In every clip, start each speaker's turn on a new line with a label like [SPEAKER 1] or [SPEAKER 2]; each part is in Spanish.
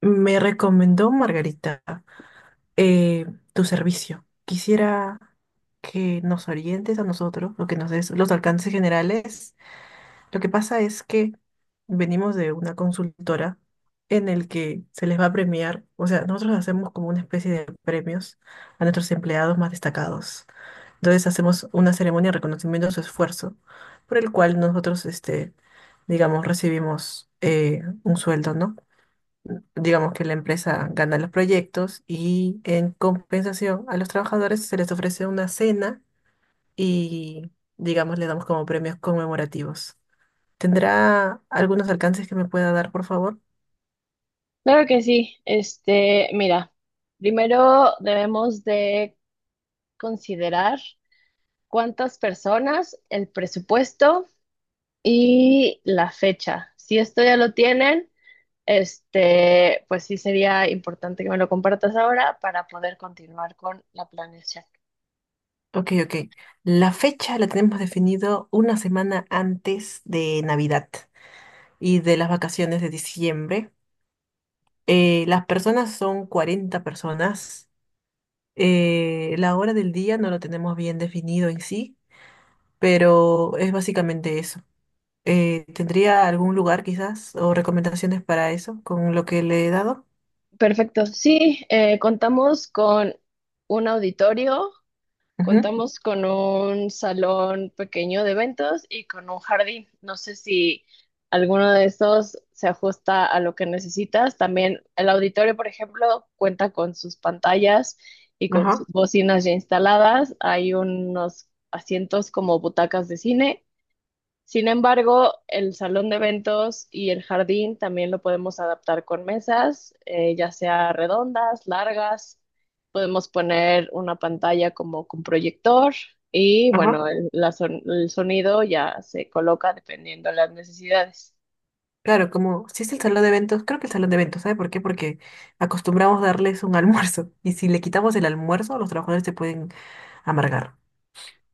[SPEAKER 1] Me recomendó Margarita eh, tu servicio. Quisiera que nos orientes a nosotros, o que nos des los alcances generales. Lo que pasa es que venimos de una consultora en el que se les va a premiar, o sea, nosotros hacemos como una especie de premios a nuestros empleados más destacados. Entonces hacemos una ceremonia de reconocimiento de su esfuerzo, por el cual nosotros, digamos, recibimos un sueldo, ¿no? Digamos que la empresa gana los proyectos y en compensación a los trabajadores se les ofrece una cena y, digamos, le damos como premios conmemorativos. ¿Tendrá algunos alcances que me pueda dar, por favor?
[SPEAKER 2] Claro que sí. Mira, primero debemos de considerar cuántas personas, el presupuesto y la fecha. Si esto ya lo tienen, pues sí sería importante que me lo compartas ahora para poder continuar con la planeación.
[SPEAKER 1] Ok, ok. La fecha la tenemos definido una semana antes de Navidad y de las vacaciones de diciembre. Las personas son 40 personas. La hora del día no lo tenemos bien definido en sí, pero es básicamente eso. ¿Tendría algún lugar quizás o recomendaciones para eso con lo que le he dado?
[SPEAKER 2] Perfecto. Sí, contamos con un auditorio.
[SPEAKER 1] Ujú.
[SPEAKER 2] Contamos con un salón pequeño de eventos y con un jardín. No sé si alguno de estos se ajusta a lo que necesitas. También el auditorio, por ejemplo, cuenta con sus pantallas y con sus
[SPEAKER 1] Ajá,
[SPEAKER 2] bocinas ya instaladas. Hay unos asientos como butacas de cine. Sin embargo, el salón de eventos y el jardín también lo podemos adaptar con mesas, ya sea redondas, largas. Podemos poner una pantalla como con proyector y
[SPEAKER 1] ajá.
[SPEAKER 2] bueno, el sonido ya se coloca dependiendo de las necesidades.
[SPEAKER 1] Claro, como si es el salón de eventos, creo que el salón de eventos, ¿sabe por qué? Porque acostumbramos darles un almuerzo y si le quitamos el almuerzo, los trabajadores se pueden amargar.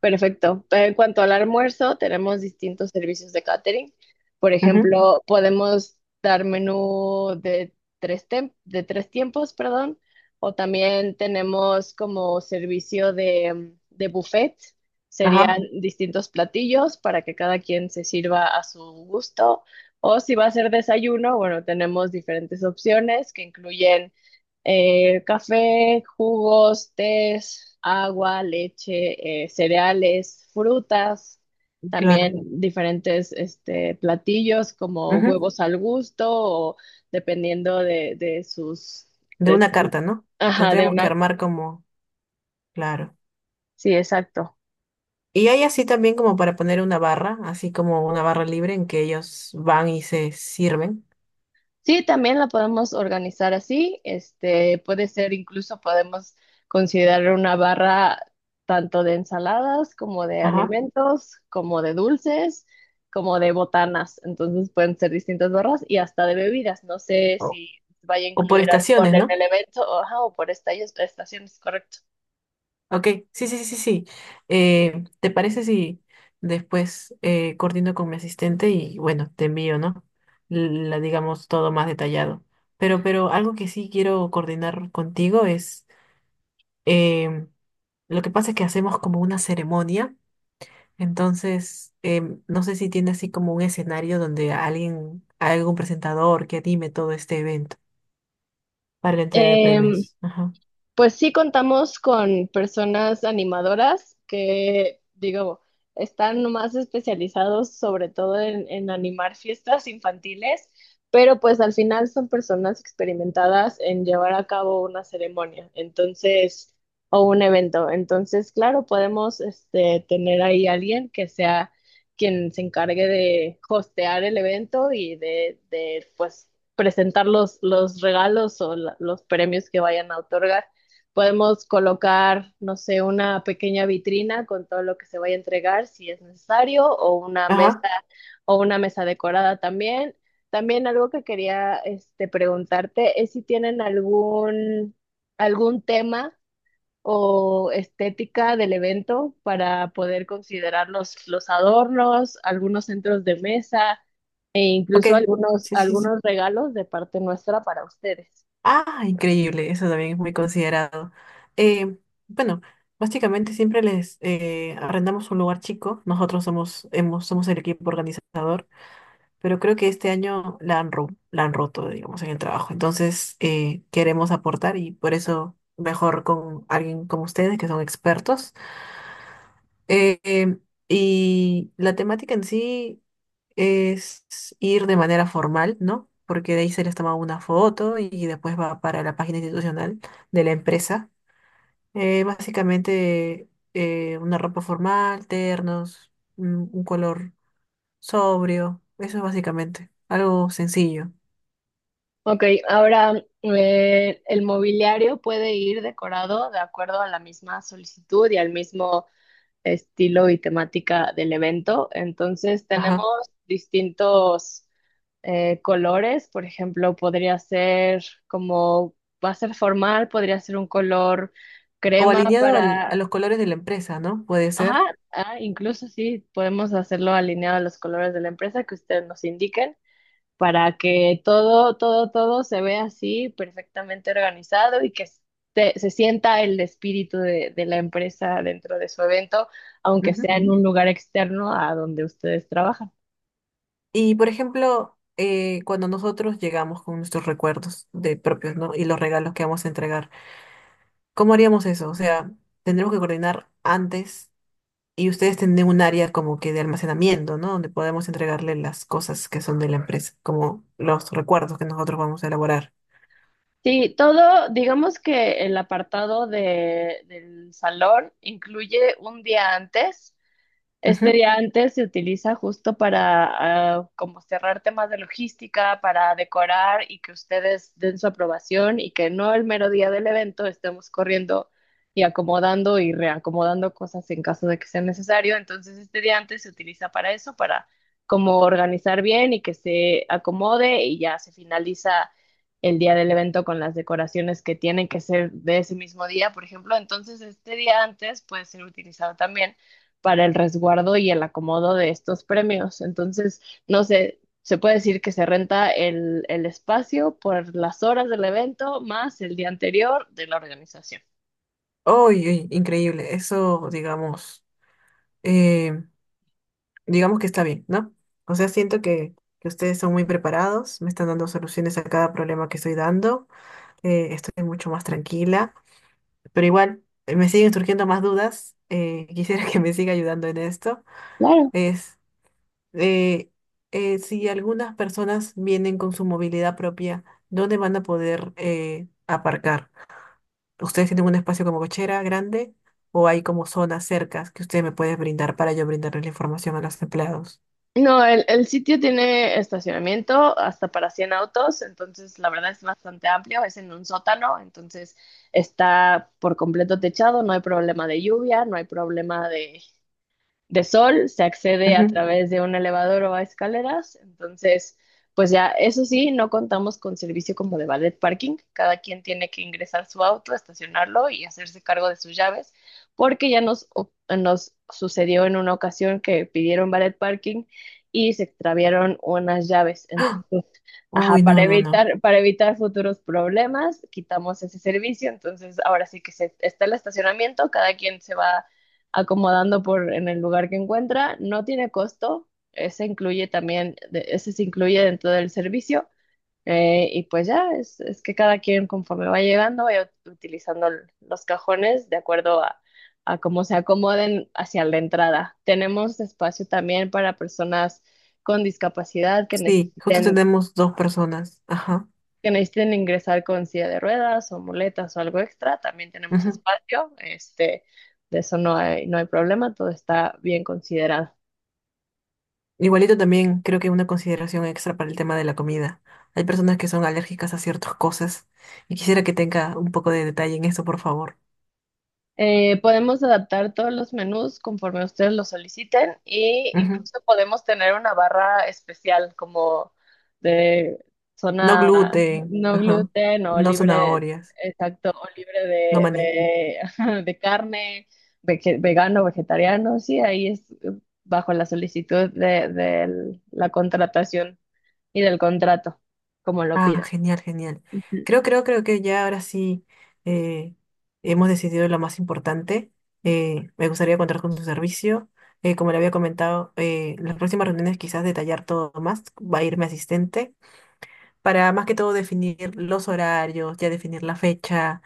[SPEAKER 2] Perfecto. En cuanto al almuerzo, tenemos distintos servicios de catering. Por
[SPEAKER 1] Ujú.
[SPEAKER 2] ejemplo, podemos dar menú de de tres tiempos, perdón, o también tenemos como servicio de buffet. Serían
[SPEAKER 1] Ajá,
[SPEAKER 2] distintos platillos para que cada quien se sirva a su gusto. O si va a ser desayuno, bueno, tenemos diferentes opciones que incluyen café, jugos, tés, agua, leche, cereales, frutas,
[SPEAKER 1] claro.
[SPEAKER 2] también diferentes platillos como
[SPEAKER 1] Ujú.
[SPEAKER 2] huevos al gusto o dependiendo de sus,
[SPEAKER 1] De
[SPEAKER 2] de,
[SPEAKER 1] una
[SPEAKER 2] su-
[SPEAKER 1] carta, ¿no?
[SPEAKER 2] ajá, de
[SPEAKER 1] Tendríamos que
[SPEAKER 2] una,
[SPEAKER 1] armar como, claro.
[SPEAKER 2] sí, exacto.
[SPEAKER 1] Y hay así también como para poner una barra, así como una barra libre en que ellos van y se sirven.
[SPEAKER 2] Sí, también la podemos organizar así. Puede ser, incluso podemos considerar una barra tanto de ensaladas como de
[SPEAKER 1] Ajá.
[SPEAKER 2] alimentos, como de dulces, como de botanas. Entonces pueden ser distintas barras y hasta de bebidas. No sé
[SPEAKER 1] O,
[SPEAKER 2] si vaya a
[SPEAKER 1] o por
[SPEAKER 2] incluir alcohol
[SPEAKER 1] estaciones,
[SPEAKER 2] en
[SPEAKER 1] ¿no?
[SPEAKER 2] el evento o, ajá, o estaciones, correcto.
[SPEAKER 1] Ok, sí, sí, sí, sí. ¿Te parece si después coordino con mi asistente y bueno, te envío, ¿no? La digamos todo más detallado. Pero algo que sí quiero coordinar contigo es, em, lo que pasa es que hacemos como una ceremonia, entonces no sé si tiene así como un escenario donde alguien, algún presentador que anime todo este evento para la entrega de premios. Ajá.
[SPEAKER 2] Pues sí contamos con personas animadoras que, digo, están más especializados sobre todo en animar fiestas infantiles, pero pues al final son personas experimentadas en llevar a cabo una ceremonia, entonces, o un evento. Entonces, claro, podemos tener ahí alguien que sea quien se encargue de hostear el evento y de pues, presentar los regalos o los premios que vayan a otorgar. Podemos colocar, no sé, una pequeña vitrina con todo lo que se vaya a entregar si es necesario,
[SPEAKER 1] Ajá.
[SPEAKER 2] o una mesa decorada también. También algo que quería preguntarte es si tienen algún, algún tema o estética del evento para poder considerar los adornos, algunos centros de mesa e
[SPEAKER 1] Ok.
[SPEAKER 2] incluso algunos,
[SPEAKER 1] Sí, sí, sí.
[SPEAKER 2] algunos regalos de parte nuestra para ustedes.
[SPEAKER 1] Ah, increíble, eso también es muy considerado. Eh, bueno, básicamente siempre les arrendamos un lugar chico, nosotros somos, hemos, somos el equipo organizador, pero creo que este año la han, la han roto, digamos, en el trabajo. Entonces, queremos aportar y por eso mejor con alguien como ustedes, que son expertos, eh, em, y la temática en sí es ir de manera formal, ¿no? Porque de ahí se les toma una foto y después va para la página institucional de la empresa. Básicamente una ropa formal, ternos, un color sobrio, eso es básicamente algo sencillo.
[SPEAKER 2] Ok, ahora el mobiliario puede ir decorado de acuerdo a la misma solicitud y al mismo estilo y temática del evento. Entonces tenemos
[SPEAKER 1] Ajá.
[SPEAKER 2] distintos colores, por ejemplo, podría ser como va a ser formal, podría ser un color
[SPEAKER 1] O
[SPEAKER 2] crema
[SPEAKER 1] alineado a
[SPEAKER 2] para,
[SPEAKER 1] los colores de la empresa, ¿no? Puede
[SPEAKER 2] ajá,
[SPEAKER 1] ser.
[SPEAKER 2] ah, incluso sí, podemos hacerlo alineado a los colores de la empresa que ustedes nos indiquen para que todo, todo, todo se vea así perfectamente organizado y se sienta el espíritu de la empresa dentro de su evento, aunque sea en un lugar externo a donde ustedes trabajan.
[SPEAKER 1] Y por ejemplo, cuando nosotros llegamos con nuestros recuerdos de propios, ¿no? Y los regalos que vamos a entregar, ¿cómo haríamos eso? O sea, tendremos que coordinar antes y ustedes tienen un área como que de almacenamiento, ¿no? Donde podemos entregarle las cosas que son de la empresa, como los recuerdos que nosotros vamos a elaborar.
[SPEAKER 2] Sí, todo, digamos que el apartado del salón incluye un día antes. Este
[SPEAKER 1] Ujú.
[SPEAKER 2] día antes se utiliza justo para ah, como cerrar temas de logística, para decorar y que ustedes den su aprobación y que no el mero día del evento estemos corriendo y acomodando y reacomodando cosas en caso de que sea necesario. Entonces este día antes se utiliza para eso, para como organizar bien y que se acomode y ya se finaliza el día del evento con las decoraciones que tienen que ser de ese mismo día, por ejemplo. Entonces este día antes puede ser utilizado también para el resguardo y el acomodo de estos premios. Entonces, no sé, se puede decir que se renta el espacio por las horas del evento más el día anterior de la organización.
[SPEAKER 1] Uy, uy, increíble. Eso, digamos, eh, digamos que está bien, ¿no? O sea, siento que ustedes son muy preparados, me están dando soluciones a cada problema que estoy dando. Estoy mucho más tranquila, pero igual me siguen surgiendo más dudas. Quisiera que me siga ayudando en esto.
[SPEAKER 2] Claro.
[SPEAKER 1] Es eh, si algunas personas vienen con su movilidad propia, ¿dónde van a poder aparcar? ¿Ustedes tienen un espacio como cochera grande o hay como zonas cercas que ustedes me pueden brindar para yo brindarles la información a los empleados?
[SPEAKER 2] No, el sitio tiene estacionamiento hasta para 100 autos, entonces la verdad es bastante amplio, es en un sótano, entonces está por completo techado, no hay problema de lluvia, no hay problema de sol, se accede a
[SPEAKER 1] Ujú.
[SPEAKER 2] través de un elevador o a escaleras, entonces, pues ya, eso sí, no contamos con servicio como de valet parking. Cada quien tiene que ingresar su auto, estacionarlo y hacerse cargo de sus llaves, porque ya nos sucedió en una ocasión que pidieron valet parking y se extraviaron unas llaves,
[SPEAKER 1] ¡Ah!
[SPEAKER 2] entonces... Ajá,
[SPEAKER 1] Uy, no, no, no.
[SPEAKER 2] para evitar futuros problemas, quitamos ese servicio. Entonces, ahora sí está el estacionamiento, cada quien se va acomodando por en el lugar que encuentra. No tiene costo, ese incluye también, ese se incluye dentro del servicio. Y pues ya, es que cada quien conforme va llegando, vaya utilizando los cajones de acuerdo a cómo se acomoden hacia la entrada. Tenemos espacio también para personas con discapacidad
[SPEAKER 1] Sí, justo tenemos 2 personas. Ajá.
[SPEAKER 2] que necesiten ingresar con silla de ruedas o muletas o algo extra, también tenemos espacio, de eso no hay, no hay problema, todo está bien considerado.
[SPEAKER 1] Igualito también creo que una consideración extra para el tema de la comida. Hay personas que son alérgicas a ciertas cosas y quisiera que tenga un poco de detalle en eso, por favor.
[SPEAKER 2] Podemos adaptar todos los menús conforme ustedes lo soliciten e
[SPEAKER 1] Ujú.
[SPEAKER 2] incluso podemos tener una barra especial como de
[SPEAKER 1] No
[SPEAKER 2] zona
[SPEAKER 1] gluten,
[SPEAKER 2] no
[SPEAKER 1] ajá.
[SPEAKER 2] gluten o
[SPEAKER 1] No
[SPEAKER 2] libre,
[SPEAKER 1] zanahorias,
[SPEAKER 2] exacto, o libre
[SPEAKER 1] no maní.
[SPEAKER 2] de, ajá, de carne, vegano, vegetariano, sí, ahí es bajo la solicitud de la contratación y del contrato, como lo
[SPEAKER 1] Ah,
[SPEAKER 2] pida.
[SPEAKER 1] genial, genial. Creo que ya ahora sí eh, hemos decidido lo más importante. Me gustaría contar con su servicio. Como le había comentado, las próximas reuniones quizás detallar todo más. Va a ir mi asistente. Para más que todo definir los horarios, ya definir la fecha,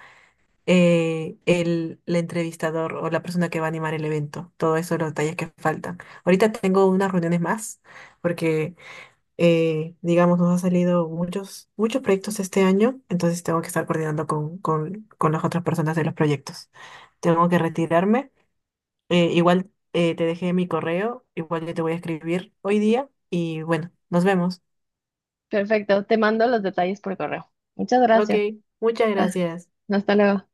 [SPEAKER 1] el entrevistador o la persona que va a animar el evento, todo eso, los detalles que faltan. Ahorita tengo unas reuniones más porque, digamos, nos han salido muchos proyectos este año, entonces tengo que estar coordinando con las otras personas de los proyectos. Tengo que retirarme. Igual te dejé mi correo, igual yo te voy a escribir hoy día y bueno, nos vemos.
[SPEAKER 2] Perfecto, te mando los detalles por correo. Muchas
[SPEAKER 1] Ok,
[SPEAKER 2] gracias.
[SPEAKER 1] muchas
[SPEAKER 2] Ah,
[SPEAKER 1] gracias.
[SPEAKER 2] hasta luego.